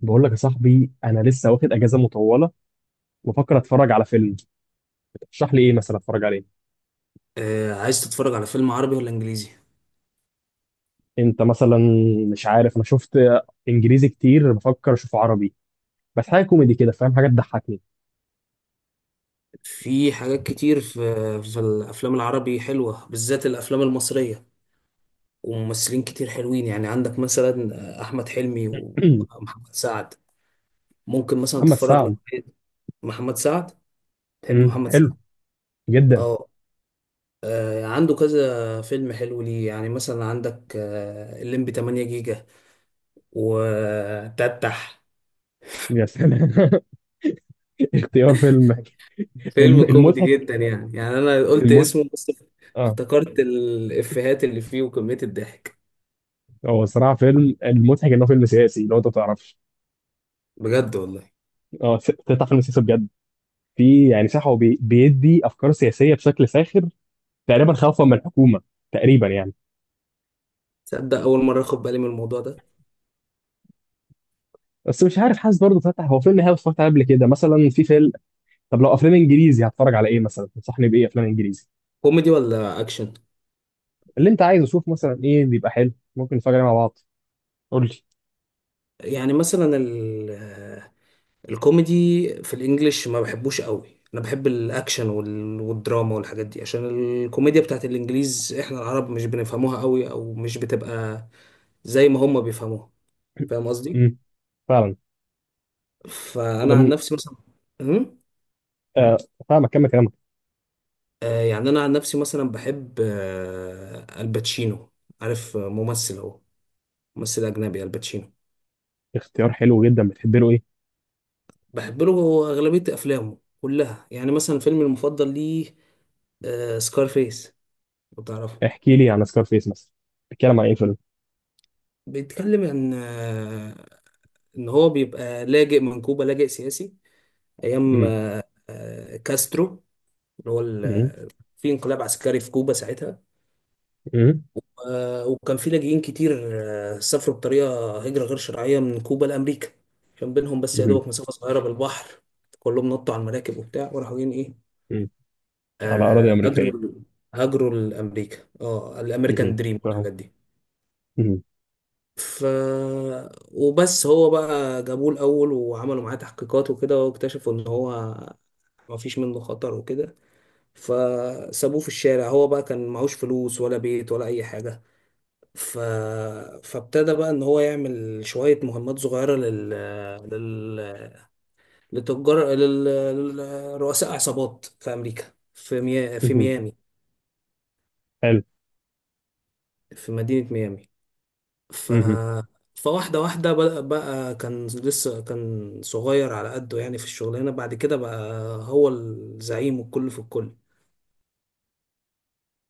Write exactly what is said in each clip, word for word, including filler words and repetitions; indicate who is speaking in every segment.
Speaker 1: بقول لك يا صاحبي، انا لسه واخد اجازه مطوله وفكر اتفرج على فيلم. ترشح لي ايه مثلا اتفرج عليه؟
Speaker 2: آه، عايز تتفرج على فيلم عربي ولا انجليزي؟
Speaker 1: انت مثلا. مش عارف، انا شفت انجليزي كتير، بفكر اشوف عربي، بس حاجه كوميدي كده، فاهم، حاجه تضحكني.
Speaker 2: في حاجات كتير في في الافلام العربي حلوه، بالذات الافلام المصريه، وممثلين كتير حلوين. يعني عندك مثلا آه، احمد حلمي ومحمد سعد. ممكن مثلا
Speaker 1: محمد
Speaker 2: تتفرج
Speaker 1: سعد.
Speaker 2: لواحد- محمد سعد. تحب
Speaker 1: مم،
Speaker 2: محمد سعد؟
Speaker 1: حلو جدا.
Speaker 2: اه، آه، عنده كذا فيلم حلو ليه. يعني مثلا عندك آه، الليمبي تمانية جيجا، وتتح
Speaker 1: يا سلام. اختيار فيلم. الم-
Speaker 2: فيلم كوميدي
Speaker 1: المضحك.
Speaker 2: جدا. يعني يعني انا قلت
Speaker 1: المضحك.
Speaker 2: اسمه بس
Speaker 1: اه.
Speaker 2: افتكرت الافيهات اللي فيه وكمية الضحك.
Speaker 1: هو صراحه فيلم المضحك انه فيلم سياسي لو انت ما تعرفش.
Speaker 2: بجد والله،
Speaker 1: اه س- تطلع فيلم سياسي بجد. في يعني صح، هو بي- بيدي افكار سياسيه بشكل ساخر، تقريبا خوفا من الحكومه تقريبا يعني.
Speaker 2: تصدق اول مرة اخد بالي من الموضوع ده.
Speaker 1: بس مش عارف، حاسس برضه فتح. هو فيلم هاوس اتفرجت عليه قبل كده مثلا، في فيلم. طب لو افلام انجليزي هتفرج على ايه مثلا؟ تنصحني بايه افلام انجليزي؟
Speaker 2: كوميدي ولا اكشن؟
Speaker 1: اللي انت عايزه، شوف مثلا ايه بيبقى حلو ممكن نتفرج عليه مع بعض. قول لي.
Speaker 2: يعني مثلا ال- آه، الكوميدي في الانجليش ما بحبوش قوي، انا بحب الاكشن وال- والدراما والحاجات دي، عشان الكوميديا بتاعت الانجليز احنا العرب مش بنفهموها قوي، او مش بتبقى زي ما هم بيفهموها. فاهم قصدي؟
Speaker 1: امم فعلا. وده
Speaker 2: فانا عن
Speaker 1: م...
Speaker 2: نفسي مثلا،
Speaker 1: آه، فاهمك، كمل كلامك.
Speaker 2: آه، يعني انا عن نفسي مثلا بحب آه، الباتشينو. عارف آه، ممثل هو، ممثل اجنبي الباتشينو.
Speaker 1: اختيار حلو جدا، بتحب له ايه؟
Speaker 2: بحب له اغلبيه افلامه كلها، يعني مثلا فيلمي المفضل ليه سكارفيس لو تعرفه.
Speaker 1: احكي لي عن سكار فيس مثلا. بيتكلم عن ايه الفيلم؟
Speaker 2: بيتكلم عن آه، ان هو بيبقى لاجئ من كوبا، لاجئ سياسي ايام
Speaker 1: امم
Speaker 2: آه، آه، كاسترو. اللي هو ال-
Speaker 1: امم
Speaker 2: آه، في انقلاب عسكري في كوبا ساعتها.
Speaker 1: امم
Speaker 2: آه، وكان في لاجئين كتير آه، سافروا بطريقة هجرة غير شرعية من كوبا لأمريكا. كان بينهم بس يا
Speaker 1: امم
Speaker 2: دوبك مسافة صغيرة بالبحر، كلهم نطوا على المراكب وبتاع وراحوا جايين إيه،
Speaker 1: أمم. على اراضي
Speaker 2: آه،
Speaker 1: امريكيه.
Speaker 2: هاجروا، هاجروا لأمريكا. اه،
Speaker 1: امم
Speaker 2: الأمريكان دريم
Speaker 1: فاهم.
Speaker 2: والحاجات دي.
Speaker 1: امم
Speaker 2: ف وبس هو بقى جابوه الأول وعملوا معاه تحقيقات وكده، واكتشفوا إن هو ما فيش منه خطر وكده، فسابوه في الشارع. هو بقى كان معهوش فلوس ولا بيت ولا أي حاجة، ف... فابتدى بقى ان هو يعمل شوية مهمات صغيرة لل... لل... لتجار، لل... لرؤساء عصابات في امريكا، في مي... في
Speaker 1: امم
Speaker 2: ميامي،
Speaker 1: حلو.
Speaker 2: في مدينة ميامي. ف...
Speaker 1: مهم.
Speaker 2: فواحدة واحدة بدأ بقى، كان لسه كان صغير على قده يعني في الشغلانة، بعد كده بقى هو الزعيم والكل في الكل.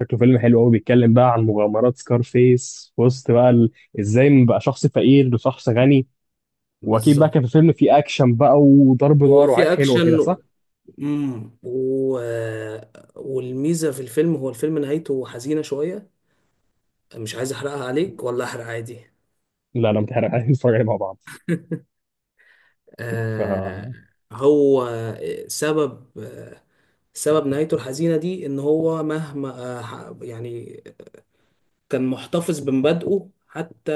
Speaker 1: شكله فيلم حلو قوي، بيتكلم بقى عن مغامرات سكارفيس في وسط بقى ال... ازاي من بقى شخص فقير لشخص غني. واكيد بقى
Speaker 2: بالظبط.
Speaker 1: كان في فيلم فيه اكشن بقى وضرب
Speaker 2: هو
Speaker 1: نار وحاجات
Speaker 2: في
Speaker 1: حلوه كده
Speaker 2: اكشن
Speaker 1: صح؟
Speaker 2: امم و... والميزة في الفيلم هو الفيلم نهايته حزينة شوية. مش عايز احرقها عليك، ولا احرق عادي؟
Speaker 1: لا لا متحرق، عايزين نتفرج عليه مع بعض.
Speaker 2: آه.
Speaker 1: ف.
Speaker 2: هو آه، سبب آه سبب نهايته الحزينة دي ان هو مهما آه ح- يعني كان محتفظ بمبادئه حتى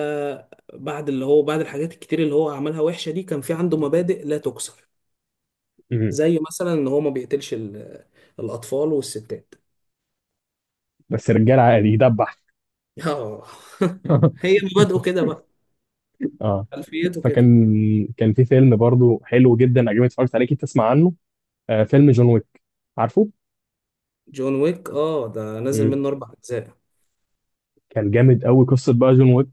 Speaker 2: بعد اللي هو بعد الحاجات الكتير اللي هو عملها وحشة دي، كان في عنده مبادئ لا تكسر.
Speaker 1: مم.
Speaker 2: زي مثلا ان هو ما بيقتلش ال- الاطفال والستات.
Speaker 1: بس رجال عادي يدبح.
Speaker 2: اه هي مبادئه كده بقى،
Speaker 1: اه.
Speaker 2: خلفيته كده.
Speaker 1: فكان، كان في فيلم برضو حلو جدا عجبني اتفرجت عليه، اكيد تسمع عنه. آه فيلم جون ويك. عارفه؟
Speaker 2: جون ويك، اه ده نازل
Speaker 1: مم.
Speaker 2: منه اربع اجزاء.
Speaker 1: كان جامد قوي قصه بقى جون ويك.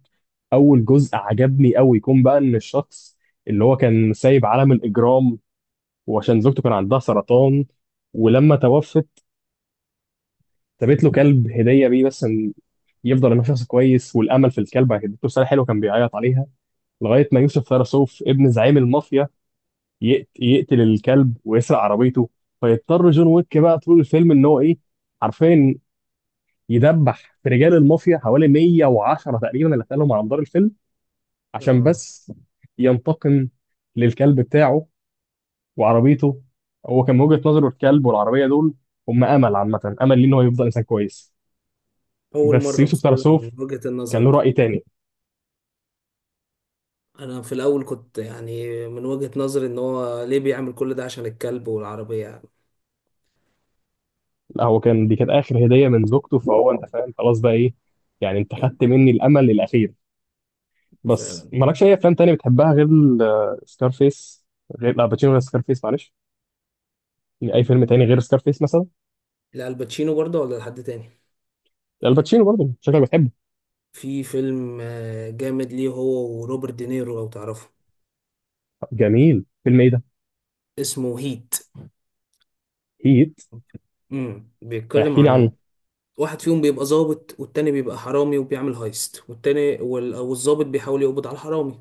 Speaker 1: اول جزء عجبني قوي، يكون بقى ان الشخص اللي هو كان سايب عالم الاجرام، وعشان زوجته كان عندها سرطان. ولما توفت سابت له كلب هديه بيه، بس إن يفضل انه شخص كويس، والامل في الكلب هيديته رساله حلوه، كان بيعيط عليها لغايه ما يوسف ثراسوف ابن زعيم المافيا يقت- يقتل الكلب ويسرق عربيته. فيضطر جون ويك بقى طول الفيلم ان هو ايه، عارفين، يدبح في رجال المافيا حوالي مية وعشرة تقريبا اللي قتلهم على مدار الفيلم عشان
Speaker 2: اه،
Speaker 1: بس ينتقم للكلب بتاعه وعربيته. هو كان من وجهة نظره الكلب والعربية دول هم أمل، عامة أمل ليه إن هو يفضل إنسان كويس.
Speaker 2: أول
Speaker 1: بس
Speaker 2: مرة
Speaker 1: يوسف
Speaker 2: أبص لها من
Speaker 1: ترسوف
Speaker 2: وجهة النظر
Speaker 1: كان له
Speaker 2: دي.
Speaker 1: رأي تاني.
Speaker 2: أنا في الأول كنت يعني من وجهة نظري إن هو ليه بيعمل كل ده عشان الكلب والعربية يعني.
Speaker 1: لا هو كان، دي كانت آخر هدية من زوجته، فهو أنت فاهم خلاص بقى إيه، يعني أنت خدت مني الأمل الأخير. بس
Speaker 2: فعلا.
Speaker 1: مالكش أي أفلام تاني بتحبها غير سكارفيس؟ غير لا باتشينو غير سكارفيس معلش، يعني أي فيلم تاني غير سكارفيس مثلا؟
Speaker 2: الباتشينو برضه ولا لحد تاني.
Speaker 1: الباتشينو برضه، شكلك بتحبه.
Speaker 2: في فيلم آه، جامد ليه هو وروبرت دينيرو لو تعرفه.
Speaker 1: جميل، فيلم إيه ده؟
Speaker 2: اسمه هيت.
Speaker 1: هيت.
Speaker 2: امم بيتكلم
Speaker 1: احكي لي
Speaker 2: عن
Speaker 1: عنه.
Speaker 2: واحد فيهم بيبقى ظابط والتاني بيبقى حرامي وبيعمل هايست، والتاني وال- والظابط بيحاول يقبض على الحرامي.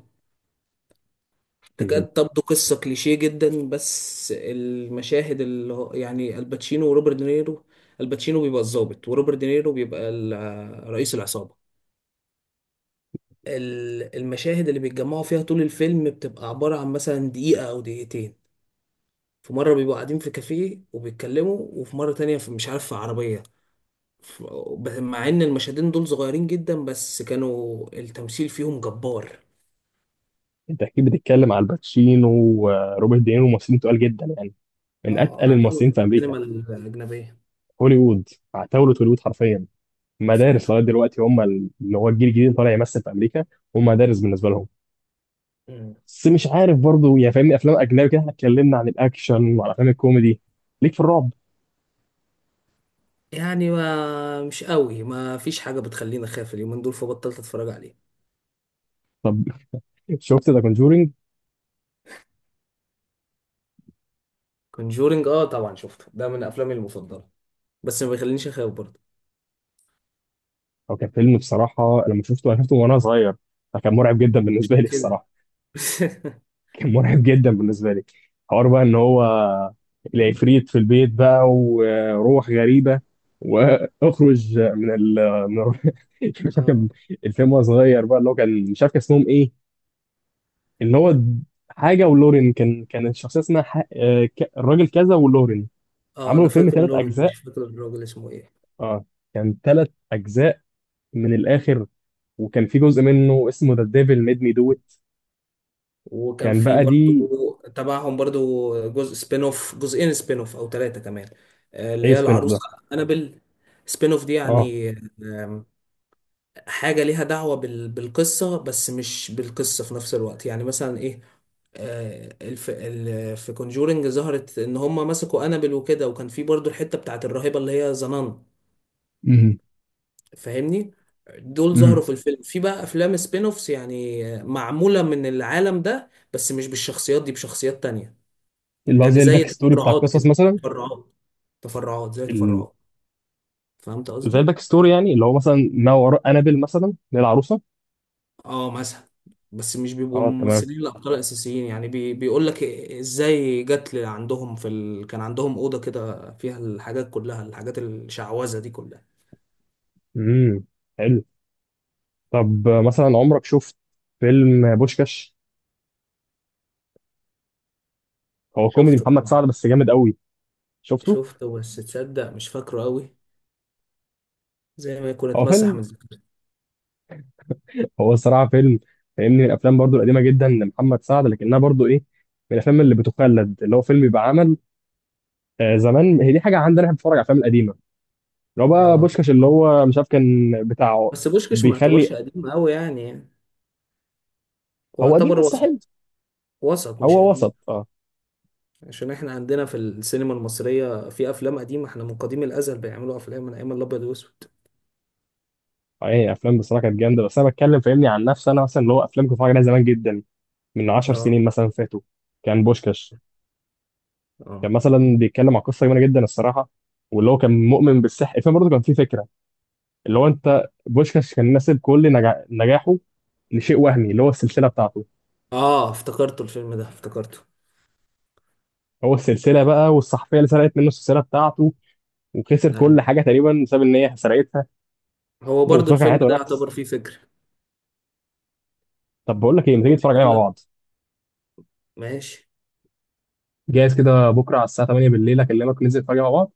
Speaker 1: مهم.
Speaker 2: تكاد تبدو قصة كليشيه جدا، بس المشاهد اللي هو يعني الباتشينو وروبرت دينيرو، الباتشينو بيبقى الضابط وروبرت دينيرو بيبقى ال- آه، رئيس العصابة. ال- المشاهد اللي بيتجمعوا فيها طول الفيلم بتبقى عبارة عن مثلا دقيقة أو دقيقتين. في مرة بيبقوا قاعدين في كافيه وبيتكلموا، وفي مرة تانية في مش عارف في عربية. ف- ب- مع إن المشهدين دول صغيرين جدا، بس كانوا التمثيل فيهم جبار.
Speaker 1: انت اكيد بتتكلم على الباتشينو وروبرت دينيرو، ممثلين تقال جدا يعني، من
Speaker 2: اه،
Speaker 1: اتقل الممثلين
Speaker 2: عتاولة
Speaker 1: في امريكا.
Speaker 2: السينما الأجنبية.
Speaker 1: هوليوود. عتاولة هوليوود حرفيا. مدارس
Speaker 2: فعلا.
Speaker 1: لغايه دلوقتي، هم ال- اللي هو الجيل الجديد اللي طالع يمثل في امريكا، هم مدارس بالنسبه لهم.
Speaker 2: مم.
Speaker 1: بس مش عارف برضو يعني فاهمني، افلام اجنبي كده احنا اتكلمنا عن الاكشن وعن افلام الكوميدي، ليك في الرعب؟
Speaker 2: يعني ما مش قوي، ما فيش حاجة بتخليني أخاف اليومين دول، فبطلت أتفرج عليه.
Speaker 1: طب شفت ذا كونجورينج؟
Speaker 2: كونجورينج آه طبعا شفته، ده من أفلامي المفضلة، بس ما بيخلينيش أخاف برضه.
Speaker 1: او كان فيلم بصراحه، لما شفته انا شفته وانا صغير، فكان مرعب جدا بالنسبه
Speaker 2: عشان
Speaker 1: لي
Speaker 2: كده
Speaker 1: الصراحه. كان مرعب جدا بالنسبه لي. حوار بقى ان هو العفريت في البيت بقى وروح غريبه، واخرج من ال، من ال- مش عارف كان
Speaker 2: آه
Speaker 1: الفيلم وهو صغير بقى، اللي هو كان مش عارف كان اسمهم ايه، اللي هو حاجه ولورين، كان كان الشخصيه اسمها ح... آه، ك- الراجل كذا ولورين.
Speaker 2: آه
Speaker 1: عملوا
Speaker 2: أنا
Speaker 1: الفيلم
Speaker 2: فاكر
Speaker 1: ثلاث
Speaker 2: لورن،
Speaker 1: اجزاء.
Speaker 2: مش فاكر الراجل اسمه إيه.
Speaker 1: اه، كان ثلاث اجزاء من الاخر، وكان في جزء منه اسمه ذا ديفل ميد مي دو ات.
Speaker 2: وكان
Speaker 1: كان
Speaker 2: في
Speaker 1: بقى
Speaker 2: برضه
Speaker 1: دي.
Speaker 2: تبعهم برضه جزء سبين أوف، جزئين سبين أوف أو ثلاثة كمان. آه، اللي
Speaker 1: ايه
Speaker 2: هي
Speaker 1: سبين اوف ده؟
Speaker 2: العروسة أنابل. سبين أوف دي
Speaker 1: اه.
Speaker 2: يعني حاجة ليها دعوة بال... بالقصة بس مش بالقصة في نفس الوقت. يعني مثلا ايه، آه، الف... ال... في كونجورنج ظهرت ان هم مسكوا انابل وكده، وكان في برضو الحتة بتاعت الراهبة اللي هي زنان. فاهمني؟ دول
Speaker 1: مم.
Speaker 2: ظهروا في الفيلم. في بقى افلام سبين اوفس، يعني آه، معمولة من العالم ده بس مش بالشخصيات دي، بشخصيات تانية.
Speaker 1: اللي هو
Speaker 2: يعني
Speaker 1: زي
Speaker 2: زي
Speaker 1: الباك ستوري بتاع
Speaker 2: تفرعات
Speaker 1: القصص
Speaker 2: كده،
Speaker 1: مثلا.
Speaker 2: تفرعات. تفرعات، زي
Speaker 1: ال...
Speaker 2: تفرعات. فهمت
Speaker 1: زي
Speaker 2: قصدي؟
Speaker 1: الباك ستوري يعني، اللي هو مثلا ما وراء انابل مثلا اللي هي العروسه.
Speaker 2: اه مثلا. بس مش بيبقوا
Speaker 1: اه تمام.
Speaker 2: الممثلين الابطال الاساسيين، يعني بي بيقول لك ازاي جت ل- عندهم في ال... كان عندهم اوضه كده فيها الحاجات كلها، الحاجات الشعوذه دي كلها.
Speaker 1: امم حلو. طب آه، مثلا عمرك شفت فيلم بوشكاش؟ هو كوميدي
Speaker 2: شفته
Speaker 1: محمد
Speaker 2: طبعا،
Speaker 1: سعد بس جامد قوي. شفته.
Speaker 2: شفته، بس تصدق مش فاكره قوي، زي ما يكون
Speaker 1: هو
Speaker 2: اتمسح
Speaker 1: فيلم،
Speaker 2: من ذاكرتي.
Speaker 1: هو الصراحه فيلم فاهمني من الافلام برضو القديمه جدا لمحمد سعد، لكنها برضو ايه، من الافلام اللي بتخلد، اللي هو فيلم بيبقى عمل آه زمان. هي دي حاجه عندنا احنا، بنتفرج على الافلام القديمه. اللي هو بقى
Speaker 2: اه،
Speaker 1: بوشكاش اللي هو مش عارف كان بتاع،
Speaker 2: بس بوشكش ما
Speaker 1: بيخلي.
Speaker 2: يعتبرش قديم قوي يعني. هو
Speaker 1: هو قديم
Speaker 2: يعتبر
Speaker 1: بس حلو.
Speaker 2: وسط، وسط مش
Speaker 1: هو
Speaker 2: قديم.
Speaker 1: وسط اه.
Speaker 2: عشان احنا عندنا في السينما المصريه في افلام قديمه، احنا من قديم الازل بيعملوا افلام من ايام الابيض واسود.
Speaker 1: اي افلام بصراحه كانت جامده، بس انا بتكلم فاهمني عن نفسي انا مثلا، اللي هو افلام كنت بتفرج عليها زمان جدا، من 10
Speaker 2: اه.
Speaker 1: سنين مثلا فاتوا. كان بوشكاش كان
Speaker 2: اه،
Speaker 1: مثلا بيتكلم عن قصه جميله جدا الصراحه، واللي هو كان مؤمن بالسحر. الفيلم برضه كان فيه فكره، اللي هو انت بوشكاش كان ناسب كل نجا... نجاحه لشيء وهمي اللي هو السلسله بتاعته.
Speaker 2: اه افتكرته، الفيلم ده افتكرته.
Speaker 1: هو السلسله بقى والصحفيه اللي سرقت منه السلسله بتاعته، وخسر كل
Speaker 2: ايوه،
Speaker 1: حاجه تقريبا بسبب ان هي سرقتها.
Speaker 2: هو برضو
Speaker 1: وفاكر
Speaker 2: الفيلم
Speaker 1: حياته
Speaker 2: ده
Speaker 1: نحس.
Speaker 2: يعتبر فيه فكرة.
Speaker 1: طب بقول لك ايه، ما تيجي
Speaker 2: هو
Speaker 1: نتفرج عليه
Speaker 2: بيقول
Speaker 1: مع
Speaker 2: لك
Speaker 1: بعض؟
Speaker 2: ماشي.
Speaker 1: جاهز كده بكره على الساعه تمانية بالليل اكلمك، ننزل نتفرج عليه مع بعض.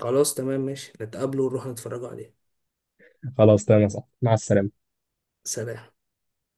Speaker 2: خلاص تمام ماشي، نتقابله ونروح نتفرجوا عليه.
Speaker 1: خلاص تمام يا صاحبي، مع السلامة.
Speaker 2: سلام.